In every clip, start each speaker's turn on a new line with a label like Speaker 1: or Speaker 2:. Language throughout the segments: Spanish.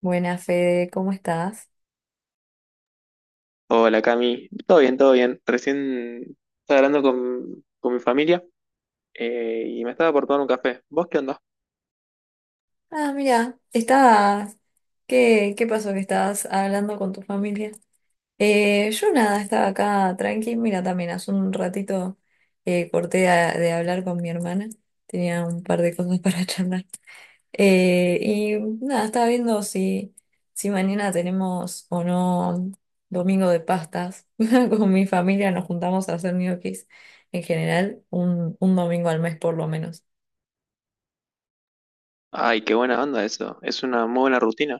Speaker 1: Buenas, Fede, ¿cómo estás?
Speaker 2: Hola Cami, todo bien, todo bien. Recién estaba hablando con mi familia y me estaba por tomar un café. ¿Vos qué onda?
Speaker 1: Ah, mira, estabas. ¿Qué pasó que estabas hablando con tu familia? Yo nada, estaba acá tranqui. Mira, también hace un ratito de hablar con mi hermana. Tenía un par de cosas para charlar. Y nada, estaba viendo si mañana tenemos o no domingo de pastas. Con mi familia nos juntamos a hacer ñoquis en general un domingo al mes por lo menos.
Speaker 2: Ay, qué buena onda eso. Es una muy buena rutina.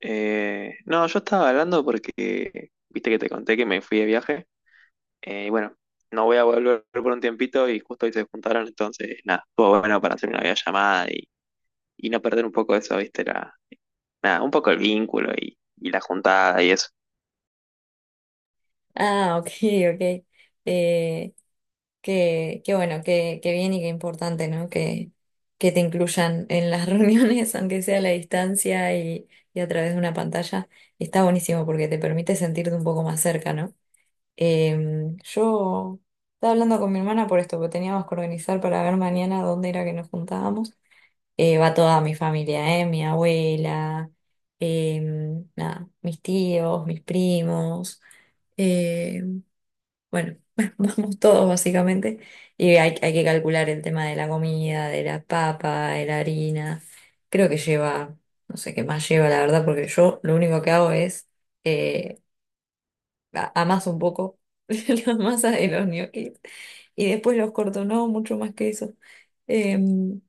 Speaker 2: No, yo estaba hablando porque, viste que te conté que me fui de viaje. Y bueno, no voy a volver por un tiempito y justo hoy se juntaron, entonces nada, estuvo bueno para hacer una videollamada y no perder un poco eso, viste, nada, un poco el vínculo y la juntada y eso.
Speaker 1: Ah, ok, ok. Eh, qué bueno, qué bien y qué importante, ¿no? Que te incluyan en las reuniones, aunque sea a la distancia y a través de una pantalla. Está buenísimo porque te permite sentirte un poco más cerca, ¿no? Yo estaba hablando con mi hermana por esto, porque teníamos que organizar para ver mañana dónde era que nos juntábamos. Va toda mi familia, ¿eh? Mi abuela, nada, mis tíos, mis primos. eh, bueno, vamos todos básicamente. Y hay que calcular el tema de la comida, de la papa, de la harina. Creo que lleva, no sé qué más lleva, la verdad, porque yo lo único que hago es eh, amaso un poco la masa de los ñoquis y después los corto, no mucho más que eso. Em,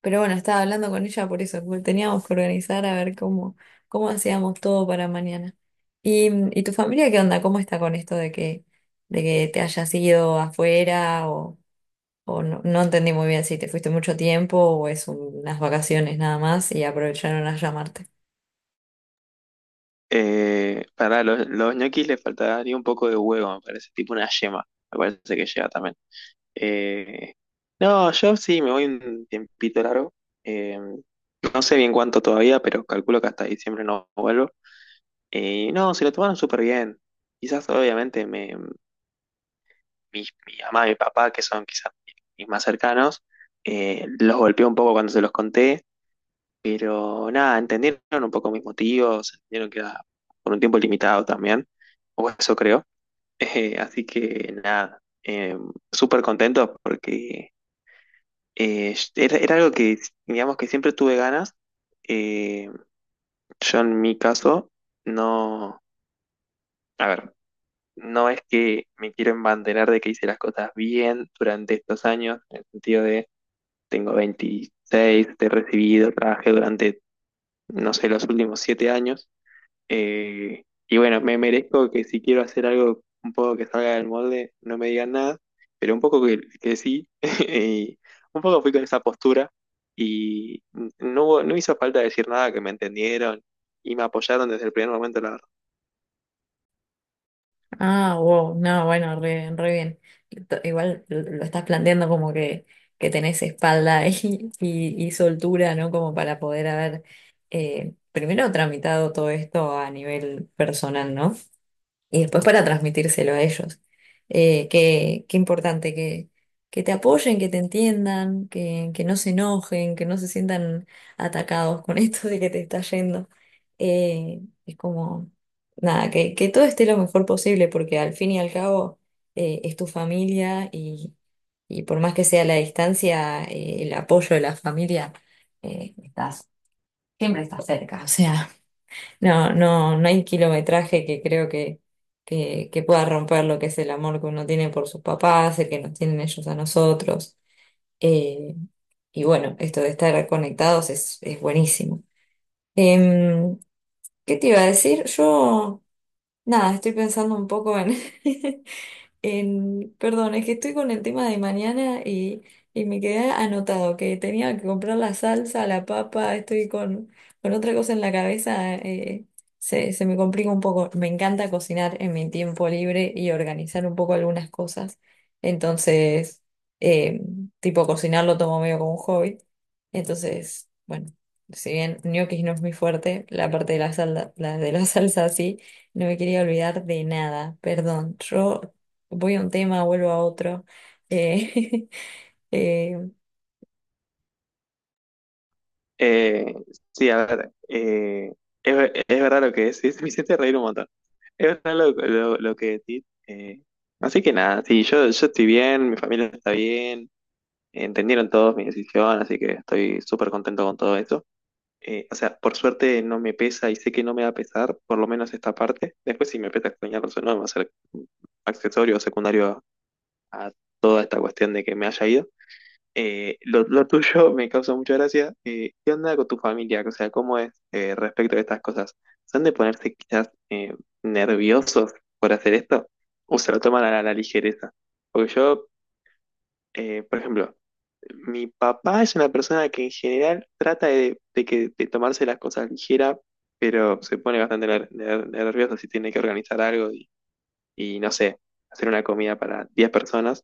Speaker 1: pero bueno, estaba hablando con ella por eso, porque teníamos que organizar a ver cómo hacíamos todo para mañana. ¿Y, y tu familia qué onda? ¿Cómo está con esto de que te hayas ido afuera? O no, no entendí muy bien si te fuiste mucho tiempo o es unas vacaciones nada más y aprovecharon a llamarte.
Speaker 2: Para los ñoquis les faltaría un poco de huevo, me parece, tipo una yema, me parece que llega también. Eh, no, yo sí, me voy un tiempito largo. eh, no sé bien cuánto todavía, pero calculo que hasta diciembre no vuelvo. No, se lo tomaron súper bien. Quizás obviamente me- mi mamá y mi papá, que son quizás mis más cercanos, los golpeó un poco cuando se los conté, pero nada, entendieron un poco mis motivos, entendieron que era por un tiempo limitado también, o eso creo. Así que nada, súper contento porque era algo que, digamos, que siempre tuve ganas. Eh, yo en mi caso, no, a ver, no es que me quiero embanderar de que hice las cosas bien durante estos años, en el sentido de tengo 26, te he recibido, trabajé durante, no sé, los últimos 7 años. Y bueno, me merezco que si quiero hacer algo un poco que salga del molde, no me digan nada, pero un poco que sí. Y un poco fui con esa postura y no, no hizo falta decir nada, que me entendieron y me apoyaron desde el primer momento, la verdad.
Speaker 1: Ah, wow, no, bueno, re, re bien. Y igual lo estás planteando como que tenés espalda y soltura, ¿no? Como para poder haber primero tramitado todo esto a nivel personal, ¿no? Y después para transmitírselo a ellos. Qué importante que te apoyen, que te entiendan, que no se enojen, que no se sientan atacados con esto de que te está yendo. Eh, es como, nada, que todo esté lo mejor posible, porque al fin y al cabo es tu familia y por más que sea la distancia, el apoyo de la familia, eh, estás, siempre estás cerca. O sea. No, no, no hay kilometraje que creo que pueda romper lo que es el amor que uno tiene por sus papás, el que nos tienen ellos a nosotros. Eh, y bueno, esto de estar conectados es buenísimo. Em, ¿Qué te iba a decir? Yo, nada, estoy pensando un poco en, en, perdón, es que estoy con el tema de mañana y me quedé anotado que tenía que comprar la salsa, la papa, estoy con otra cosa en la cabeza, se me complica un poco. Me encanta cocinar en mi tiempo libre y organizar un poco algunas cosas. Entonces, eh, tipo cocinar lo tomo medio como un hobby. Entonces, bueno, si bien ñoquis no es muy fuerte, la parte de la la de la salsa sí. No me quería olvidar de nada, perdón. Yo voy a un tema, vuelvo a otro. Eh, eh,
Speaker 2: Eh, sí, a ver, es verdad lo que decís, me hiciste reír un montón. Es verdad lo que decís. Así que nada, sí, yo estoy bien, mi familia está bien. Entendieron todos mi decisión, así que estoy súper contento con todo esto. O sea, por suerte no me pesa y sé que no me va a pesar, por lo menos esta parte. Después, si me pesa extrañarlos o no, va a ser accesorio o secundario a toda esta cuestión de que me haya ido. Lo tuyo me causa mucha gracia. ¿Qué onda con tu familia? O sea, ¿cómo es respecto a estas cosas? ¿Son de ponerse quizás nerviosos por hacer esto? ¿O se lo toman a a la ligereza? Porque yo por ejemplo, mi papá es una persona que en general trata de tomarse las cosas ligera, pero se pone bastante nervioso si tiene que organizar algo y, no sé, hacer una comida para 10 personas.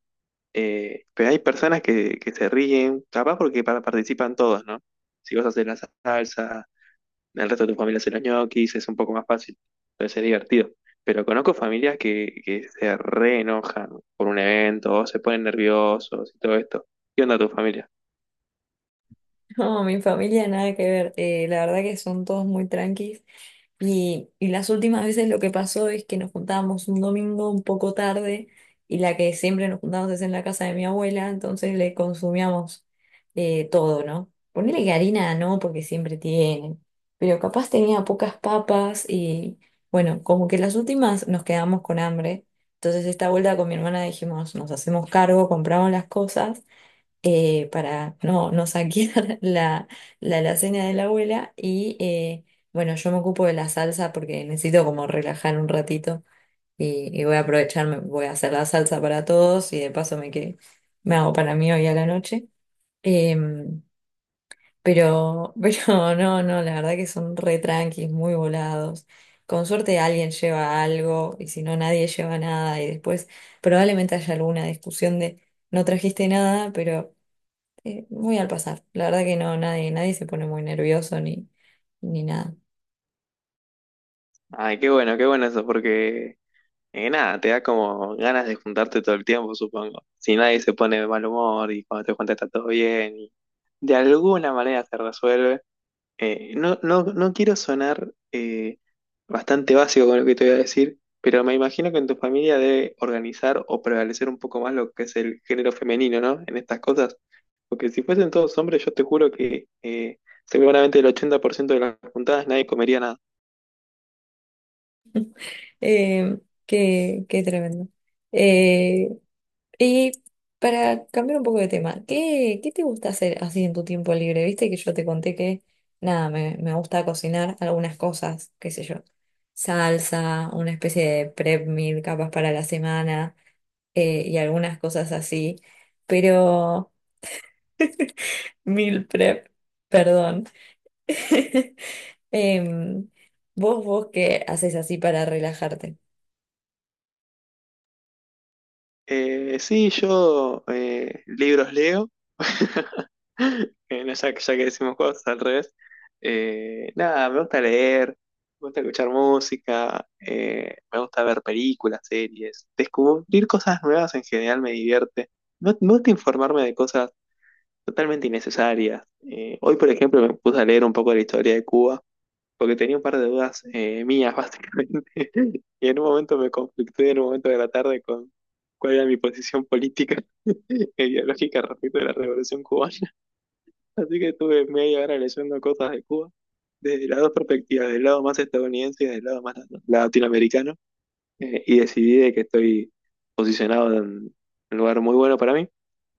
Speaker 2: Pero hay personas que se ríen, capaz porque participan todos, ¿no? Si vos haces la salsa, el resto de tu familia hace los ñoquis, es un poco más fácil, entonces es divertido. Pero conozco familias que se reenojan por un evento, o se ponen nerviosos y todo esto. ¿Qué onda tu familia?
Speaker 1: no, mi familia nada que ver. La verdad que son todos muy tranquilos. Y las últimas veces lo que pasó es que nos juntábamos un domingo un poco tarde y la que siempre nos juntábamos es en la casa de mi abuela, entonces le consumíamos todo, ¿no? Ponele que harina, ¿no? Porque siempre tienen, pero capaz tenía pocas papas y bueno, como que las últimas nos quedamos con hambre. Entonces esta vuelta con mi hermana dijimos, nos hacemos cargo, compramos las cosas para no, no saquear la alacena de la abuela. Y bueno, yo me ocupo de la salsa porque necesito como relajar un ratito y voy a aprovecharme, voy a hacer la salsa para todos y de paso me hago para mí hoy a la noche. Em, pero no, no, la verdad que son re tranquis, muy volados. Con suerte alguien lleva algo y si no nadie lleva nada y después probablemente haya alguna discusión de no trajiste nada, pero muy al pasar. La verdad que no, nadie, nadie se pone muy nervioso ni, ni nada.
Speaker 2: Ay, qué bueno eso, porque nada, te da como ganas de juntarte todo el tiempo, supongo. Si nadie se pone de mal humor y cuando te juntas está todo bien, y de alguna manera se resuelve. No quiero sonar bastante básico con lo que te voy a decir, pero me imagino que en tu familia debe organizar o prevalecer un poco más lo que es el género femenino, ¿no? En estas cosas. Porque si fuesen todos hombres, yo te juro que seguramente el 80% de las juntadas nadie comería nada.
Speaker 1: Eh, qué tremendo. Eh, y para cambiar un poco de tema, ¿qué te gusta hacer así en tu tiempo libre? Viste que yo te conté que, nada, me gusta cocinar algunas cosas, qué sé yo, salsa, una especie de prep meal capaz para la semana y algunas cosas así, pero meal prep, perdón. Em, vos, ¿qué haces así para relajarte?
Speaker 2: Sí, yo libros leo. No, ya que decimos cosas al revés. Nada, me gusta leer, me gusta escuchar música, me gusta ver películas, series. Descubrir cosas nuevas en general me divierte. Me gusta informarme de cosas totalmente innecesarias. Hoy, por ejemplo, me puse a leer un poco de la historia de Cuba porque tenía un par de dudas mías, básicamente, y en un momento me conflicté, en un momento de la tarde, con cuál era mi posición política e ideológica respecto de la Revolución Cubana. Así que estuve media hora leyendo cosas de Cuba, desde las dos perspectivas, del lado más estadounidense y del lado más latinoamericano, y decidí de que estoy posicionado en un lugar muy bueno para mí.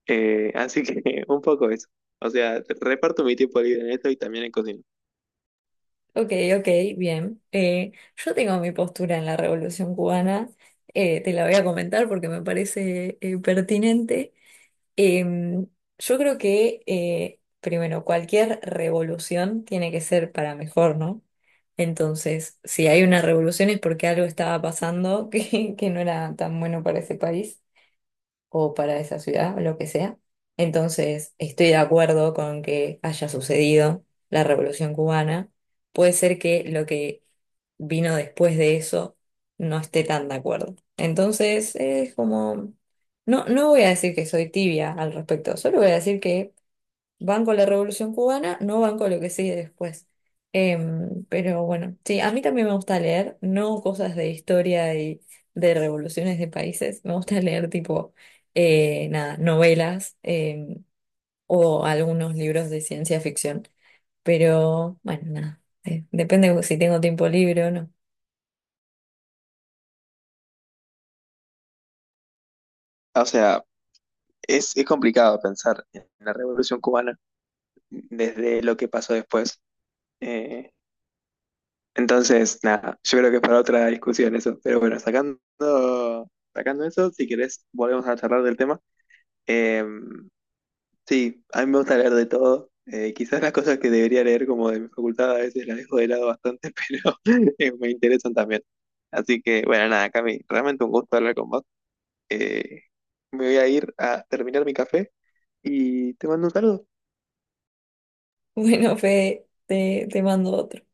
Speaker 2: Así que un poco eso. O sea, reparto mi tiempo libre en esto y también en cocina.
Speaker 1: Ok, ok, bien. Yo tengo mi postura en la Revolución Cubana, te la voy a comentar porque me parece pertinente. Em, yo creo que, primero, cualquier revolución tiene que ser para mejor, ¿no? Entonces, si hay una revolución es porque algo estaba pasando que no era tan bueno para ese país, o para esa ciudad o lo que sea. Entonces, estoy de acuerdo con que haya sucedido la Revolución Cubana. Puede ser que lo que vino después de eso no esté tan de acuerdo. Entonces, es como, no, no voy a decir que soy tibia al respecto, solo voy a decir que van con la Revolución Cubana, no van con lo que sigue después. Pero bueno, sí, a mí también me gusta leer, no cosas de historia y de revoluciones de países, me gusta leer tipo, nada, novelas o algunos libros de ciencia ficción, pero bueno, nada, depende si tengo tiempo libre o no.
Speaker 2: O sea, es complicado pensar en la Revolución Cubana desde lo que pasó después. Eh, entonces, nada, yo creo que es para otra discusión eso. Pero bueno, sacando eso, si querés, volvemos a charlar del tema. Eh, sí, a mí me gusta leer de todo. Quizás las cosas que debería leer como de mi facultad a veces las dejo de lado bastante, pero me interesan también. Así que, bueno, nada, Cami, realmente un gusto hablar con vos. Eh, Me voy a ir a terminar mi café y te mando un saludo.
Speaker 1: Bueno, Fede, te mando otro.